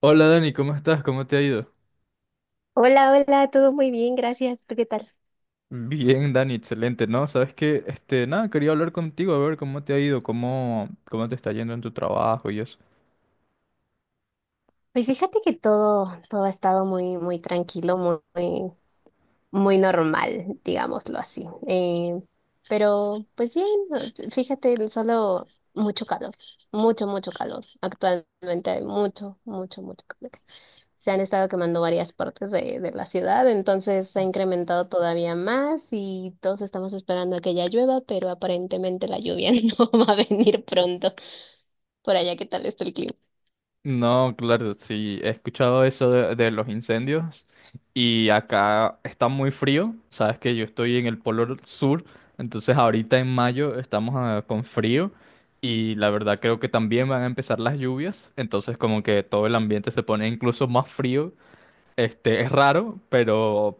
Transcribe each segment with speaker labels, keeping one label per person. Speaker 1: Hola Dani, ¿cómo estás? ¿Cómo te ha ido?
Speaker 2: Hola, hola, todo muy bien, gracias. ¿Tú qué tal?
Speaker 1: Bien, Dani, excelente, ¿no? Sabes que, nada, quería hablar contigo, a ver cómo te ha ido, cómo te está yendo en tu trabajo y eso.
Speaker 2: Pues fíjate que todo ha estado muy, muy tranquilo, muy normal, digámoslo así. Pero, pues bien, fíjate, solo mucho calor, mucho calor. Actualmente hay mucho calor. Se han estado quemando varias partes de la ciudad, entonces se ha incrementado todavía más y todos estamos esperando a que ya llueva, pero aparentemente la lluvia no va a venir pronto. Por allá, ¿qué tal está el clima?
Speaker 1: No, claro, sí, he escuchado eso de los incendios y acá está muy frío, sabes que yo estoy en el polo sur, entonces ahorita en mayo estamos con frío, y la verdad creo que también van a empezar las lluvias, entonces como que todo el ambiente se pone incluso más frío. Es raro, pero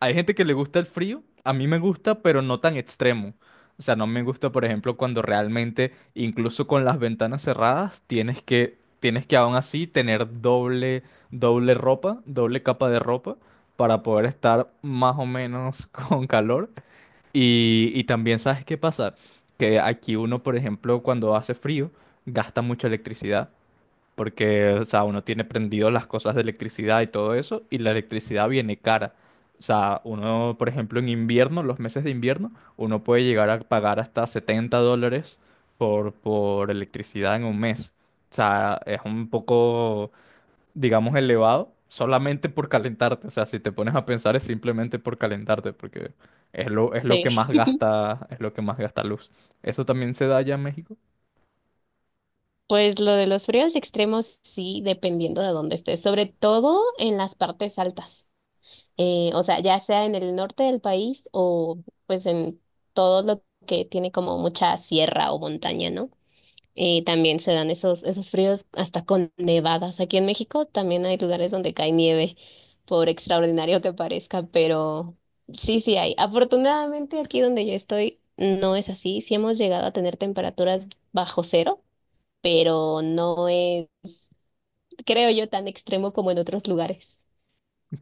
Speaker 1: hay gente que le gusta el frío, a mí me gusta, pero no tan extremo. O sea, no me gusta, por ejemplo, cuando realmente, incluso con las ventanas cerradas, tienes que aún así tener doble, doble ropa, doble capa de ropa, para poder estar más o menos con calor. Y también, ¿sabes qué pasa? Que aquí uno, por ejemplo, cuando hace frío, gasta mucha electricidad. Porque, o sea, uno tiene prendido las cosas de electricidad y todo eso, y la electricidad viene cara. O sea, uno, por ejemplo, en invierno, los meses de invierno, uno puede llegar a pagar hasta $70 por electricidad en un mes. O sea, es un poco, digamos, elevado solamente por calentarte. O sea, si te pones a pensar es simplemente por calentarte, porque es lo que más
Speaker 2: Sí.
Speaker 1: gasta, es lo que más gasta luz. ¿Eso también se da allá en México?
Speaker 2: Pues lo de los fríos extremos sí, dependiendo de dónde estés, sobre todo en las partes altas. O sea, ya sea en el norte del país o pues en todo lo que tiene como mucha sierra o montaña, ¿no? También se dan esos fríos hasta con nevadas. Aquí en México también hay lugares donde cae nieve, por extraordinario que parezca, pero sí, sí hay. Afortunadamente aquí donde yo estoy no es así, sí hemos llegado a tener temperaturas bajo cero, pero no es, creo yo, tan extremo como en otros lugares.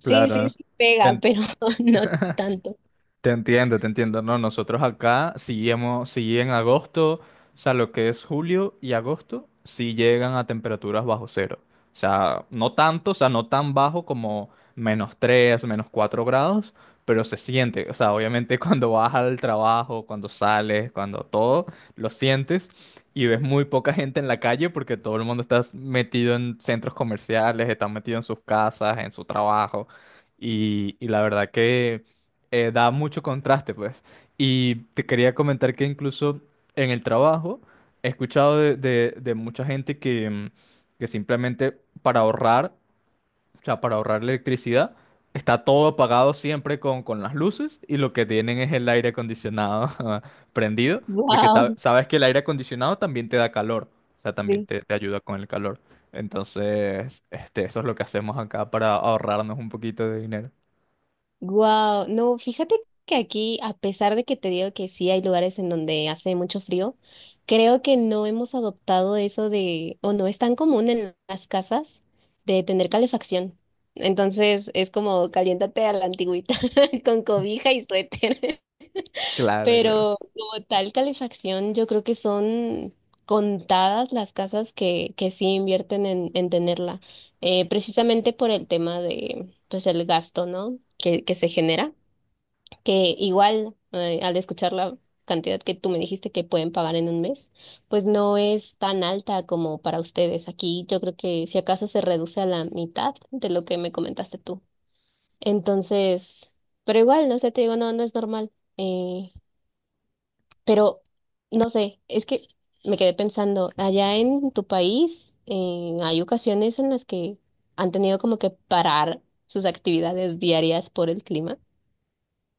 Speaker 2: Sí, sí,
Speaker 1: Claro.
Speaker 2: sí pega, pero no tanto.
Speaker 1: Te entiendo, te entiendo. No, nosotros acá sí sí en agosto, o sea, lo que es julio y agosto, sí llegan a temperaturas bajo cero. O sea, no tanto, o sea, no tan bajo como -3, -4 grados, pero se siente. O sea, obviamente cuando vas al trabajo, cuando sales, cuando todo, lo sientes y ves muy poca gente en la calle porque todo el mundo está metido en centros comerciales, está metido en sus casas, en su trabajo. Y la verdad que da mucho contraste, pues. Y te quería comentar que incluso en el trabajo he escuchado de mucha gente que, que simplemente para ahorrar, o sea, para ahorrar electricidad, está todo apagado siempre con las luces, y lo que tienen es el aire acondicionado prendido, porque sab-
Speaker 2: Wow,
Speaker 1: sabes que el aire acondicionado también te da calor, o sea, también
Speaker 2: sí.
Speaker 1: te ayuda con el calor. Entonces, eso es lo que hacemos acá para ahorrarnos un poquito de dinero.
Speaker 2: Wow. No, fíjate que aquí, a pesar de que te digo que sí hay lugares en donde hace mucho frío, creo que no hemos adoptado eso de, o no es tan común en las casas de tener calefacción. Entonces es como caliéntate a la antigüita con cobija y suéter.
Speaker 1: Claro, claro.
Speaker 2: Pero como tal calefacción, yo creo que son contadas las casas que sí invierten en tenerla, precisamente por el tema de, pues, el gasto, ¿no? Que se genera, que igual al escuchar la cantidad que tú me dijiste que pueden pagar en un mes, pues no es tan alta como para ustedes. Aquí yo creo que si acaso se reduce a la mitad de lo que me comentaste tú. Entonces, pero igual, no sé, te digo, no, no es normal. Eh, pero no sé, es que me quedé pensando, allá en tu país hay ocasiones en las que han tenido como que parar sus actividades diarias por el clima.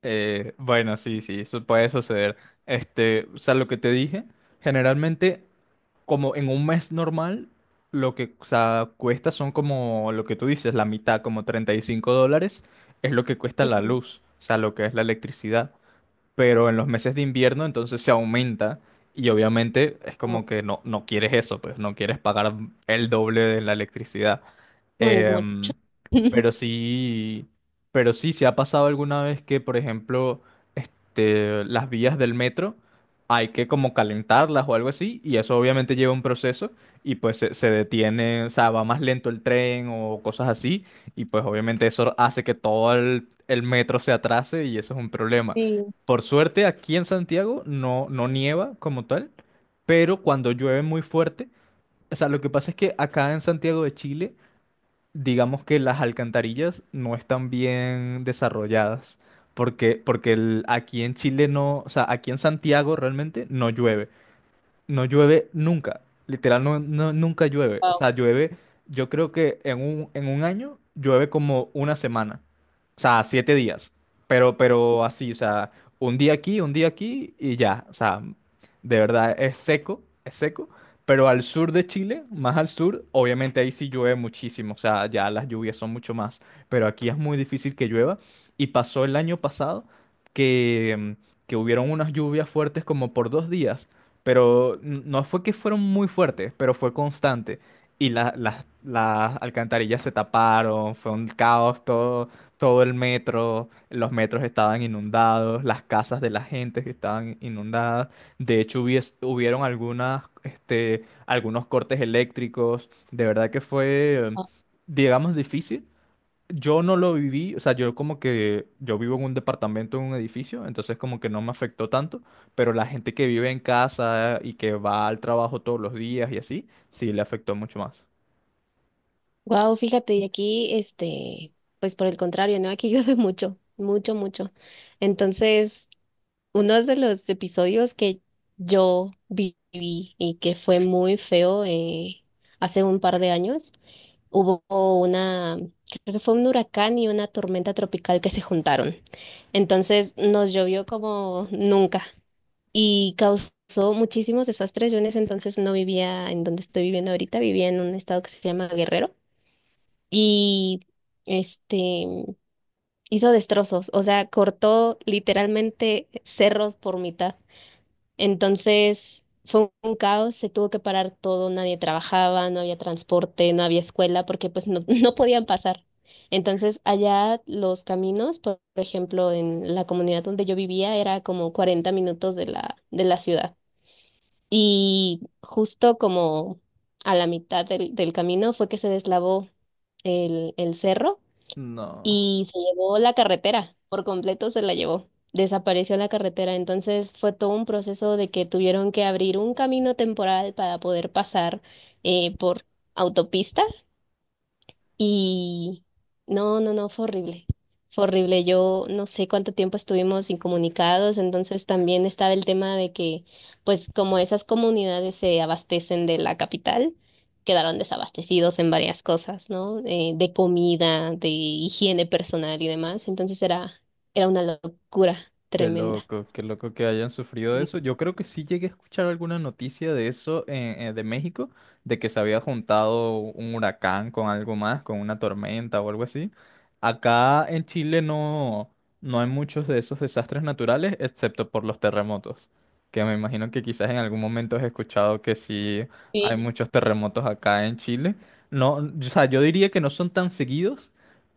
Speaker 1: Bueno, sí, sí, eso puede suceder. O sea, lo que te dije, generalmente, como en un mes normal, lo que, o sea, cuesta son como lo que tú dices, la mitad, como $35, es lo que cuesta la
Speaker 2: Ujú.
Speaker 1: luz, o sea, lo que es la electricidad. Pero en los meses de invierno, entonces se aumenta, y obviamente es como que no, no quieres eso, pues no quieres pagar el doble de la electricidad.
Speaker 2: No, y es mucho.
Speaker 1: Em, pero sí, pero sí, se ha pasado alguna vez que, por ejemplo, las vías del metro hay que como calentarlas o algo así, y eso obviamente lleva un proceso, y pues se detiene, o sea, va más lento el tren o cosas así, y pues obviamente eso hace que todo el metro se atrase y eso es un problema.
Speaker 2: Sí,
Speaker 1: Por suerte, aquí en Santiago no, no nieva como tal, pero cuando llueve muy fuerte, o sea, lo que pasa es que acá en Santiago de Chile, digamos que las alcantarillas no están bien desarrolladas, porque aquí en Chile no, o sea, aquí en Santiago realmente no llueve. No llueve nunca, literal, no, nunca llueve. O
Speaker 2: wow.
Speaker 1: sea, llueve, yo creo que en un año llueve como una semana, o sea, 7 días, pero así, o sea, un día aquí y ya, o sea, de verdad es seco, pero al sur de Chile, más al sur, obviamente ahí sí llueve muchísimo, o sea, ya las lluvias son mucho más, pero aquí es muy difícil que llueva. Y pasó el año pasado que, que hubieron unas lluvias fuertes como por 2 días, pero no fue que fueron muy fuertes, pero fue constante. Y las alcantarillas se taparon, fue un caos todo, todo el metro, los metros estaban inundados, las casas de la gente que estaban inundadas. De hecho, hubieron algunas, algunos cortes eléctricos. De verdad que fue,
Speaker 2: Ah.
Speaker 1: digamos, difícil. Yo no lo viví, o sea, yo como que yo vivo en un departamento, en un edificio, entonces como que no me afectó tanto, pero la gente que vive en casa y que va al trabajo todos los días y así, sí le afectó mucho más.
Speaker 2: Wow, fíjate, y aquí, este, pues por el contrario, ¿no? Aquí llueve mucho, mucho, mucho. Entonces, uno de los episodios que yo viví y que fue muy feo, hace un par de años, hubo una, creo que fue un huracán y una tormenta tropical que se juntaron. Entonces nos llovió como nunca y causó muchísimos desastres. Yo en ese entonces no vivía en donde estoy viviendo ahorita, vivía en un estado que se llama Guerrero y este hizo destrozos, o sea, cortó literalmente cerros por mitad. Entonces fue un caos, se tuvo que parar todo, nadie trabajaba, no había transporte, no había escuela, porque pues no, no podían pasar. Entonces allá los caminos, por ejemplo, en la comunidad donde yo vivía, era como 40 minutos de la ciudad. Y justo como a la mitad del camino fue que se deslavó el cerro
Speaker 1: No.
Speaker 2: y se llevó la carretera, por completo se la llevó, desapareció la carretera, entonces fue todo un proceso de que tuvieron que abrir un camino temporal para poder pasar por autopista y no, no, no, fue horrible. Fue horrible. Yo no sé cuánto tiempo estuvimos incomunicados, entonces también estaba el tema de que, pues como esas comunidades se abastecen de la capital, quedaron desabastecidos en varias cosas, ¿no? De comida, de higiene personal y demás. Era una locura tremenda.
Speaker 1: Qué loco que hayan sufrido eso. Yo creo que sí llegué a escuchar alguna noticia de eso, de México, de que se había juntado un huracán con algo más, con una tormenta o algo así. Acá en Chile no, no hay muchos de esos desastres naturales, excepto por los terremotos, que me imagino que quizás en algún momento has escuchado que sí hay
Speaker 2: Sí.
Speaker 1: muchos terremotos acá en Chile. No, o sea, yo diría que no son tan seguidos,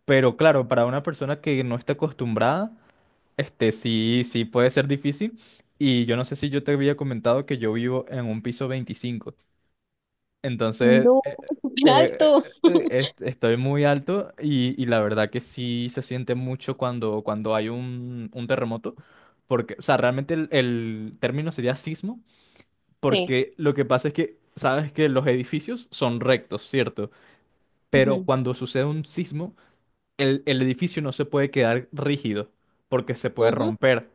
Speaker 1: pero claro, para una persona que no está acostumbrada. Este sí, sí puede ser difícil. Y yo no sé si yo te había comentado que yo vivo en un piso 25. Entonces,
Speaker 2: No, súper alto.
Speaker 1: estoy muy alto, y la verdad que sí se siente mucho cuando hay un terremoto. Porque, o sea, realmente el término sería sismo,
Speaker 2: Sí.
Speaker 1: porque lo que pasa es que, sabes que los edificios son rectos, ¿cierto? Pero
Speaker 2: Ujú.
Speaker 1: cuando sucede un sismo, el edificio no se puede quedar rígido porque se puede
Speaker 2: Ujú.
Speaker 1: romper.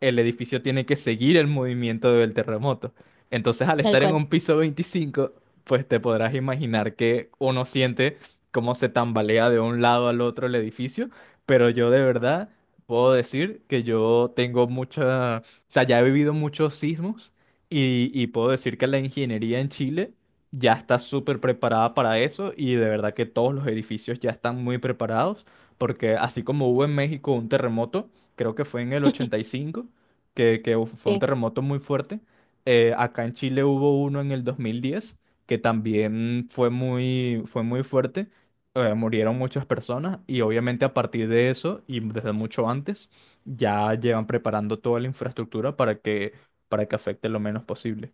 Speaker 1: El edificio tiene que seguir el movimiento del terremoto. Entonces, al
Speaker 2: Tal
Speaker 1: estar en
Speaker 2: cual.
Speaker 1: un piso 25, pues te podrás imaginar que uno siente cómo se tambalea de un lado al otro el edificio, pero yo de verdad puedo decir que yo tengo mucha, o sea, ya he vivido muchos sismos, y puedo decir que la ingeniería en Chile ya está súper preparada para eso, y de verdad que todos los edificios ya están muy preparados. Porque así como hubo en México un terremoto, creo que fue en el 85, que fue un
Speaker 2: Sí.
Speaker 1: terremoto muy fuerte. Acá en Chile hubo uno en el 2010, que también fue muy fuerte. Murieron muchas personas, y obviamente a partir de eso y desde mucho antes ya llevan preparando toda la infraestructura para que afecte lo menos posible.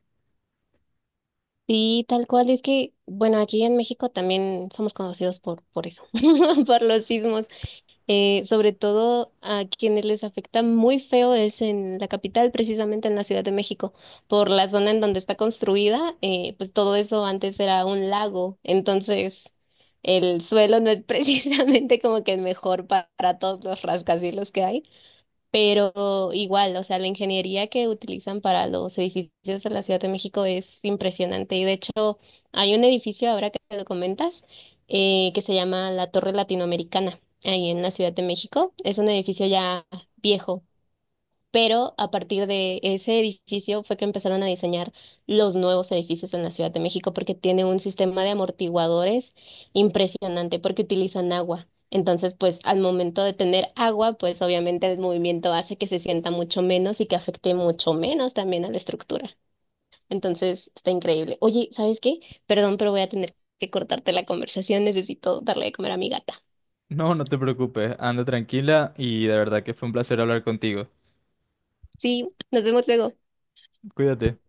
Speaker 2: Sí, tal cual. Es que, bueno, aquí en México también somos conocidos por eso, por los sismos. Sobre todo a quienes les afecta muy feo es en la capital, precisamente en la Ciudad de México, por la zona en donde está construida, pues todo eso antes era un lago, entonces el suelo no es precisamente como que el mejor pa- para todos los rascacielos que hay. Pero igual, o sea, la ingeniería que utilizan para los edificios de la Ciudad de México es impresionante y de hecho hay un edificio, ahora que lo comentas, que se llama la Torre Latinoamericana, ahí en la Ciudad de México. Es un edificio ya viejo, pero a partir de ese edificio fue que empezaron a diseñar los nuevos edificios en la Ciudad de México, porque tiene un sistema de amortiguadores impresionante, porque utilizan agua. Entonces, pues al momento de tener agua, pues obviamente el movimiento hace que se sienta mucho menos y que afecte mucho menos también a la estructura. Entonces, está increíble. Oye, ¿sabes qué? Perdón, pero voy a tener que cortarte la conversación. Necesito darle de comer a mi gata.
Speaker 1: No, no te preocupes, anda tranquila y de verdad que fue un placer hablar contigo.
Speaker 2: Sí, nos vemos luego.
Speaker 1: Cuídate.